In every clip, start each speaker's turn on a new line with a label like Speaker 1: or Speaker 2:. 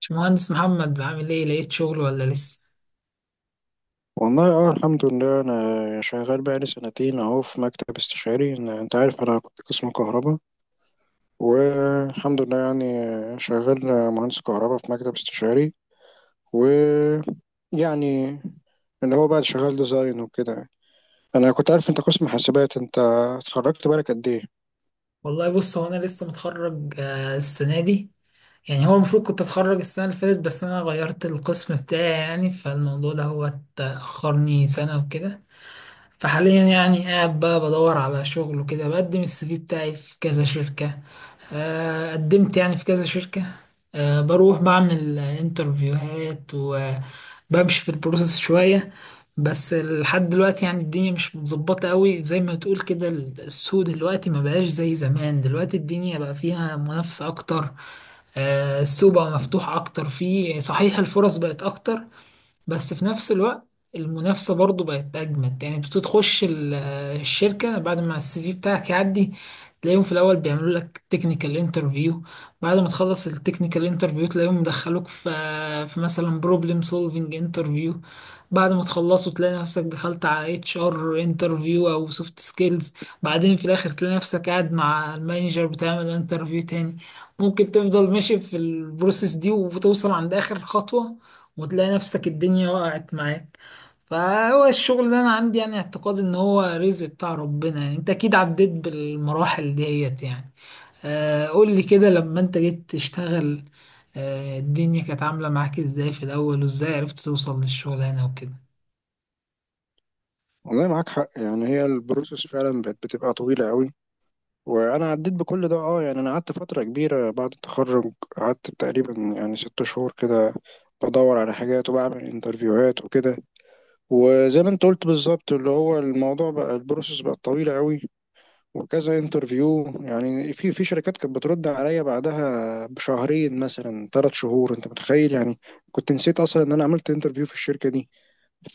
Speaker 1: باشمهندس محمد، عامل ايه؟ لقيت شغل ولا لسه؟
Speaker 2: والله. اه الحمد لله، انا شغال بقالي 2 سنين اهو في مكتب استشاري. انت عارف انا كنت قسم كهرباء، والحمد لله يعني. شغال مهندس كهرباء في مكتب استشاري، ويعني اللي هو بقى شغال ديزاين وكده. انا كنت عارف انت قسم حاسبات. انت اتخرجت بالك قد ايه؟
Speaker 1: والله بص، هو انا لسه متخرج السنه دي. يعني هو المفروض كنت اتخرج السنه اللي فاتت، بس انا غيرت القسم بتاعي يعني، فالموضوع ده هو اتاخرني سنه وكده. فحاليا يعني قاعد بقى بدور على شغل وكده، بقدم السي في بتاعي في كذا شركة. قدمت يعني في كذا شركة. بروح بعمل انترفيوهات وبمشي في البروسيس شوية. بس لحد دلوقتي يعني الدنيا مش متظبطة قوي زي ما تقول كده. السوق دلوقتي ما بقاش زي زمان، دلوقتي الدنيا بقى فيها منافسة أكتر. السوق بقى مفتوح أكتر، فيه صحيح الفرص بقت أكتر، بس في نفس الوقت المنافسة برضو بقت أجمد. يعني بتخش الشركة بعد ما السي في بتاعك يعدي، تلاقيهم في الأول بيعملوا لك تكنيكال انترفيو. بعد ما تخلص التكنيكال انترفيو تلاقيهم مدخلوك في مثلا بروبلم سولفينج انترفيو. بعد ما تخلصوا تلاقي نفسك دخلت على اتش ار انترفيو أو سوفت سكيلز. بعدين في الآخر تلاقي نفسك قاعد مع المانجر بتعمل انترفيو تاني. ممكن تفضل ماشي في البروسيس دي وتوصل عند آخر خطوة، وتلاقي نفسك الدنيا وقعت معاك. فهو الشغل ده انا عندي يعني اعتقاد ان هو رزق بتاع ربنا. يعني انت اكيد عديت بالمراحل ديت يعني. آه، قول لي كده لما انت جيت تشتغل، آه، الدنيا كانت عاملة معاك ازاي في الاول، وازاي عرفت توصل للشغلانة وكده؟
Speaker 2: والله معاك حق. يعني هي البروسيس فعلا بتبقى طويلة قوي، وانا عديت بكل ده. اه يعني انا قعدت فتره كبيره بعد التخرج، قعدت تقريبا يعني 6 شهور كده بدور على حاجات وبعمل انترفيوهات وكده. وزي ما انت قلت بالظبط، اللي هو الموضوع بقى البروسيس بقت طويله قوي، وكذا انترفيو يعني. في شركات كانت بترد عليا بعدها بشهرين مثلا 3 شهور، انت متخيل؟ يعني كنت نسيت اصلا ان انا عملت انترفيو في الشركه دي.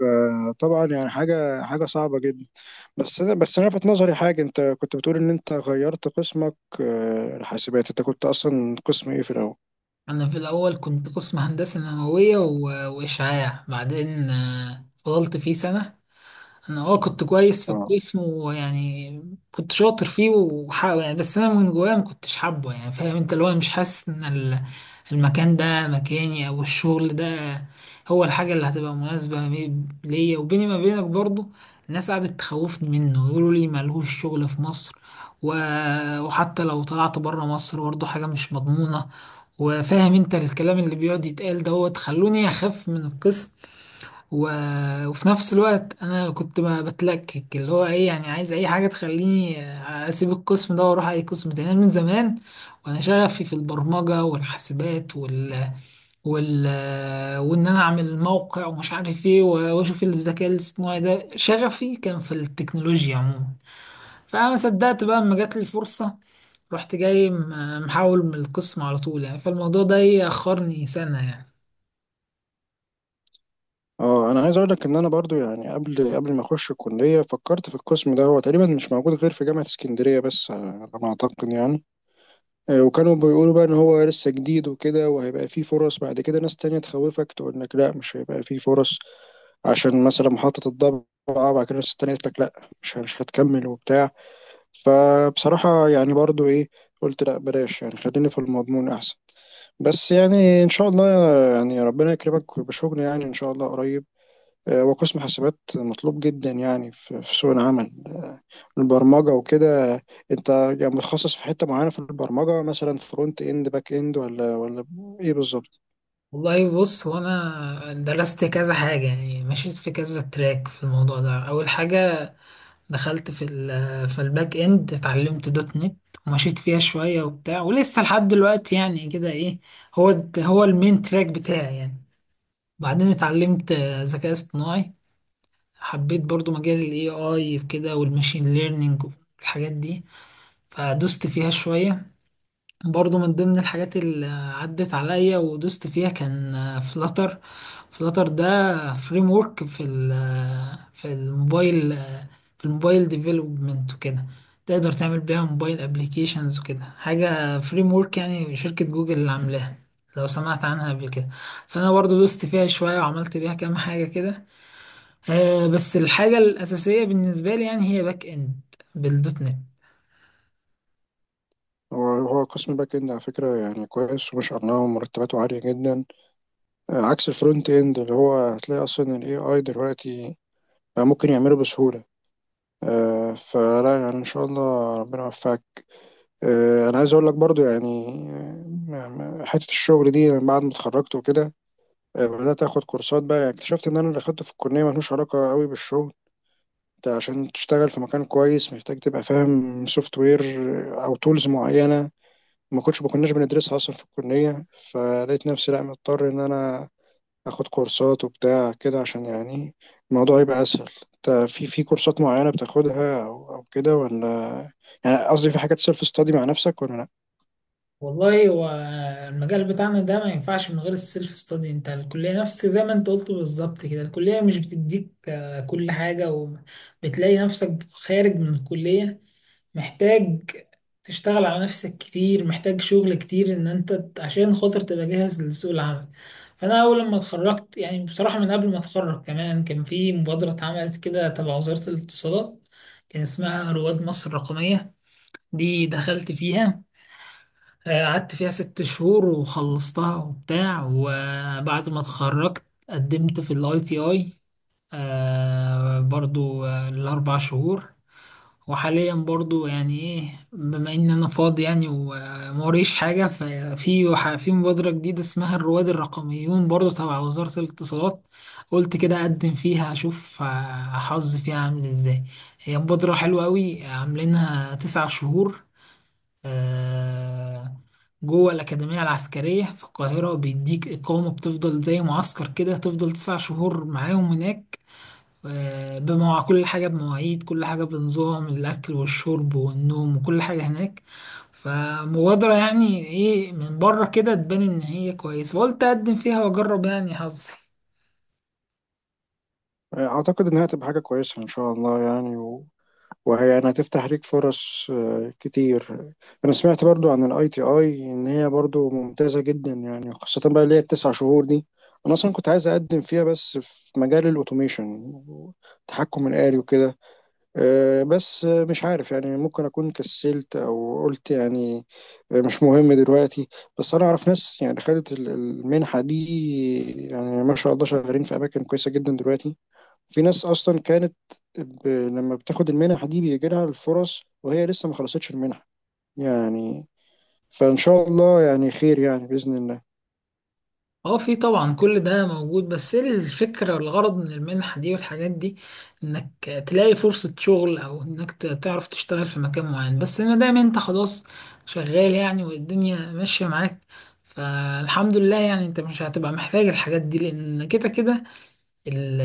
Speaker 2: فطبعا يعني حاجه صعبه جدا. بس انا لفت نظري حاجه، انت كنت بتقول ان انت غيرت قسمك. آه، الحاسبات، انت كنت اصلا قسم ايه في الاول؟
Speaker 1: انا في الاول كنت قسم هندسة نووية واشعاع. بعدين فضلت فيه سنة. انا كنت كويس في
Speaker 2: اه
Speaker 1: القسم ويعني كنت شاطر فيه يعني، بس انا من جوايا ما كنتش حابه. يعني فاهم انت، اللي هو مش حاسس ان المكان ده مكاني، او الشغل ده هو الحاجه اللي هتبقى مناسبه ليا وبيني ما بينك برضو. الناس قعدت تخوفني منه، يقولوا لي ملهوش شغل في مصر، و... وحتى لو طلعت بره مصر برضو حاجه مش مضمونه. وفاهم انت الكلام اللي بيقعد يتقال دوت، خلوني اخاف من القسم، و... وفي نفس الوقت انا كنت بتلكك. اللي هو ايه، يعني عايز اي حاجه تخليني اسيب القسم ده واروح اي قسم تاني. أنا من زمان وانا شغفي في البرمجه والحاسبات وال... وان انا اعمل موقع ومش عارف ايه، واشوف الذكاء الاصطناعي ده. شغفي كان في التكنولوجيا عموما، فانا ما صدقت بقى اما جات لي فرصه، رحت جاي محول من القسم على طول. يعني فالموضوع ده يأخرني سنه يعني.
Speaker 2: اه انا عايز اقول لك ان انا برضو يعني، قبل ما اخش الكليه فكرت في القسم ده. هو تقريبا مش موجود غير في جامعه اسكندريه بس، على ما اعتقد يعني. وكانوا بيقولوا بقى ان هو لسه جديد وكده وهيبقى فيه فرص بعد كده. ناس تانية تخوفك تقول لك لا مش هيبقى فيه فرص، عشان مثلا محطه الضبعه بعد كده. ناس تانية تقول لك لا مش هتكمل وبتاع. فبصراحة يعني برضو ايه، قلت لا بلاش، يعني خليني في المضمون احسن. بس يعني ان شاء الله، يعني ربنا يكرمك بشغل يعني ان شاء الله قريب. آه، وقسم حاسبات مطلوب جدا يعني في سوق العمل، البرمجة وكده. انت يعني متخصص في حتة معينة في البرمجة، مثلا فرونت اند باك اند ولا ايه بالظبط؟
Speaker 1: والله بص، هو انا درست كذا حاجة يعني، مشيت في كذا تراك في الموضوع ده. أول حاجة دخلت في في الباك إند، اتعلمت دوت نت ومشيت فيها شوية وبتاع، ولسه لحد دلوقتي يعني كده. إيه، هو هو المين تراك بتاعي يعني. بعدين اتعلمت ذكاء اصطناعي، حبيت برضو مجال ال AI وكده، والماشين ليرنينج والحاجات دي، فدوست فيها شوية. برضو من ضمن الحاجات اللي عدت عليا ودوست فيها كان فلاتر. فلاتر ده فريم ورك في في الموبايل، في الموبايل ديفلوبمنت وكده. تقدر تعمل بيها موبايل ابليكيشنز وكده، حاجة فريم ورك يعني، شركة جوجل اللي عاملاها، لو سمعت عنها قبل كده. فانا برضو دوست فيها شوية وعملت بيها كام حاجة كده. بس الحاجة الأساسية بالنسبة لي يعني هي باك اند، بالدوت نت.
Speaker 2: هو قسم باك اند على فكرة يعني كويس وما شاء الله، ومرتباته عالية جدا. آه، عكس الفرونت اند، اللي هو هتلاقي اصلا الاي اي دلوقتي بقى ممكن يعمله بسهولة. آه، فلا يعني ان شاء الله ربنا يوفقك. انا عايز اقول لك برضو يعني، حته الشغل دي من بعد ما اتخرجت وكده، بدات اخد كورسات بقى. يعني اكتشفت ان انا اللي اخدته في الكليه ملوش علاقه قوي بالشغل. انت عشان تشتغل في مكان كويس محتاج تبقى فاهم سوفت وير او تولز معينه، ما كناش بندرسها اصلا في الكليه. فلقيت نفسي لا مضطر ان انا اخد كورسات وبتاع كده عشان يعني الموضوع يبقى اسهل. انت في كورسات معينة بتاخدها او كده ولا، يعني قصدي في حاجات سيلف ستادي مع نفسك ولا لا؟
Speaker 1: والله، هو المجال بتاعنا ده ما ينفعش من غير السيلف ستادي. انت الكلية نفس زي ما انت قلت بالظبط كده، الكلية مش بتديك كل حاجة، وبتلاقي نفسك خارج من الكلية محتاج تشتغل على نفسك كتير، محتاج شغل كتير ان انت عشان خاطر تبقى جاهز لسوق العمل. فانا اول لما اتخرجت يعني، بصراحة من قبل ما اتخرج كمان، كان في مبادرة اتعملت كده تبع وزارة الاتصالات، كان اسمها رواد مصر الرقمية. دي دخلت فيها، قعدت فيها ست شهور وخلصتها وبتاع. وبعد ما اتخرجت قدمت في الاي تي اي برضو، الاربع شهور. وحاليا برضو يعني ايه، بما ان انا فاضي يعني وموريش حاجة، ففي في مبادرة جديدة اسمها الرواد الرقميون، برضو تبع وزارة الاتصالات، قلت كده اقدم فيها، اشوف حظي فيها عامل ازاي. هي مبادرة حلوة قوي، عاملينها تسع شهور، آه، جوه الأكاديمية العسكرية في القاهرة. بيديك إقامة، بتفضل زي معسكر كده، تفضل تسع شهور معاهم هناك. بمواع كل حاجة، بمواعيد كل حاجة، بنظام الأكل والشرب والنوم وكل حاجة هناك. فمبادرة يعني إيه، من بره كده تبان إن هي كويسة، وقلت أقدم فيها وأجرب يعني حظي.
Speaker 2: اعتقد انها هتبقى حاجة كويسة ان شاء الله يعني، وهي يعني هتفتح ليك فرص آه، كتير. انا سمعت برضو عن الاي تي اي ان هي برضو ممتازة جدا يعني، خاصة بقى اللي هي التسع شهور دي. انا اصلا كنت عايز اقدم فيها بس في مجال الاوتوميشن، التحكم الآلي وكده. آه، بس آه، مش عارف يعني، ممكن أكون كسلت أو قلت يعني آه، مش مهم دلوقتي. بس أنا أعرف ناس يعني خدت المنحة دي، يعني ما شاء الله شغالين في أماكن كويسة جدا دلوقتي. في ناس أصلا كانت لما بتاخد المنح دي بيجي لها الفرص وهي لسه ما خلصتش المنحة يعني. فإن شاء الله يعني خير يعني بإذن الله.
Speaker 1: اه، في طبعا كل ده موجود، بس ايه الفكرة والغرض من المنحة دي والحاجات دي؟ انك تلاقي فرصة شغل، او انك تعرف تشتغل في مكان معين. بس ما دام انت خلاص شغال يعني، والدنيا ماشية معاك، فالحمد لله يعني، انت مش هتبقى محتاج الحاجات دي، لان كده كده ال-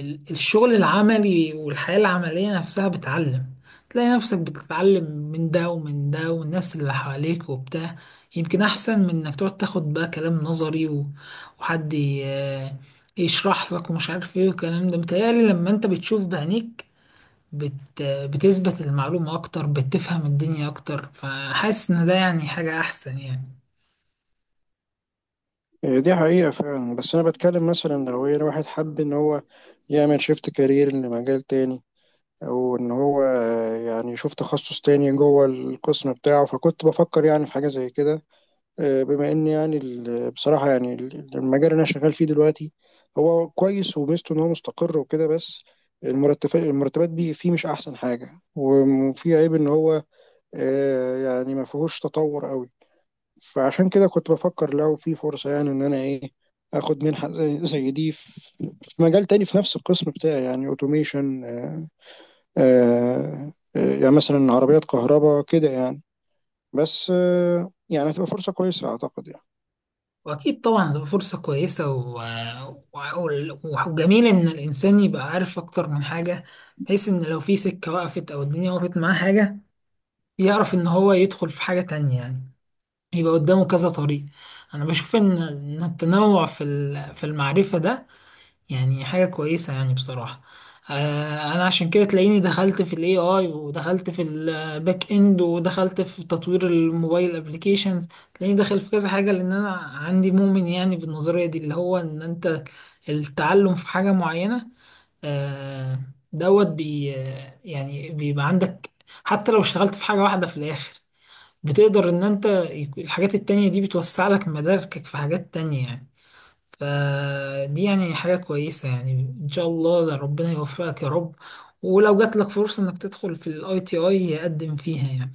Speaker 1: الشغل العملي والحياة العملية نفسها بتعلم. تلاقي نفسك بتتعلم من ده ومن ده والناس اللي حواليك وبتاع، يمكن أحسن من إنك تقعد تاخد بقى كلام نظري وحد يشرح لك ومش عارف إيه. والكلام ده متهيألي لما أنت بتشوف بعينيك بتثبت المعلومة أكتر، بتفهم الدنيا أكتر، فحاسس إن ده يعني حاجة أحسن يعني.
Speaker 2: آه، دي حقيقة فعلا. بس أنا بتكلم مثلا لو هي واحد حب إن هو يعمل شيفت كارير لمجال تاني، وان هو يعني يشوف تخصص تاني جوه القسم بتاعه. فكنت بفكر يعني في حاجة زي كده. آه، بما ان يعني بصراحة يعني المجال اللي انا شغال فيه دلوقتي هو كويس وميزته ان هو مستقر وكده، بس المرتبات دي فيه مش احسن حاجة، وفيه عيب ان هو آه، يعني ما فيهوش تطور قوي. فعشان كده كنت بفكر لو في فرصة يعني ان انا ايه، اخد منحة زي دي في مجال تاني في نفس القسم بتاعي، يعني اوتوميشن، يعني مثلا عربيات كهرباء كده يعني. بس آه، يعني هتبقى فرصة كويسة أعتقد يعني.
Speaker 1: واكيد طبعا هتبقى فرصه كويسه و... وجميل ان الانسان يبقى عارف اكتر من حاجه، بحيث ان لو في سكه وقفت او الدنيا وقفت معاه حاجه، يعرف ان هو يدخل في حاجه تانية يعني، يبقى قدامه كذا طريق. انا بشوف ان التنوع في في المعرفه ده يعني حاجة كويسة يعني، بصراحة. انا عشان كده تلاقيني دخلت في الاي اي، ودخلت في الباك اند، ودخلت في تطوير الموبايل ابليكيشنز. تلاقيني داخل في كذا حاجة، لان انا عندي مؤمن يعني بالنظرية دي، اللي هو ان انت التعلم في حاجة معينة، آه، دوت بي يعني بيبقى عندك، حتى لو اشتغلت في حاجة واحدة في الاخر، بتقدر ان انت الحاجات التانية دي بتوسع لك مداركك في حاجات تانية يعني. فدي يعني حاجة كويسة يعني. إن شاء الله ربنا يوفقك يا رب، ولو جات لك فرصة إنك تدخل في الاي تي اي، قدم فيها يعني.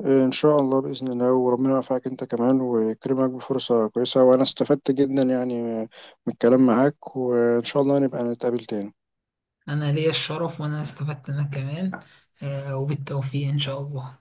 Speaker 2: آه، إن شاء الله بإذن الله، وربنا يوفقك أنت كمان ويكرمك بفرصة كويسة. وأنا استفدت جدا يعني من الكلام معاك، وإن شاء الله نبقى نتقابل تاني.
Speaker 1: أنا ليا الشرف، وأنا استفدت منك كمان. وبالتوفيق إن شاء الله.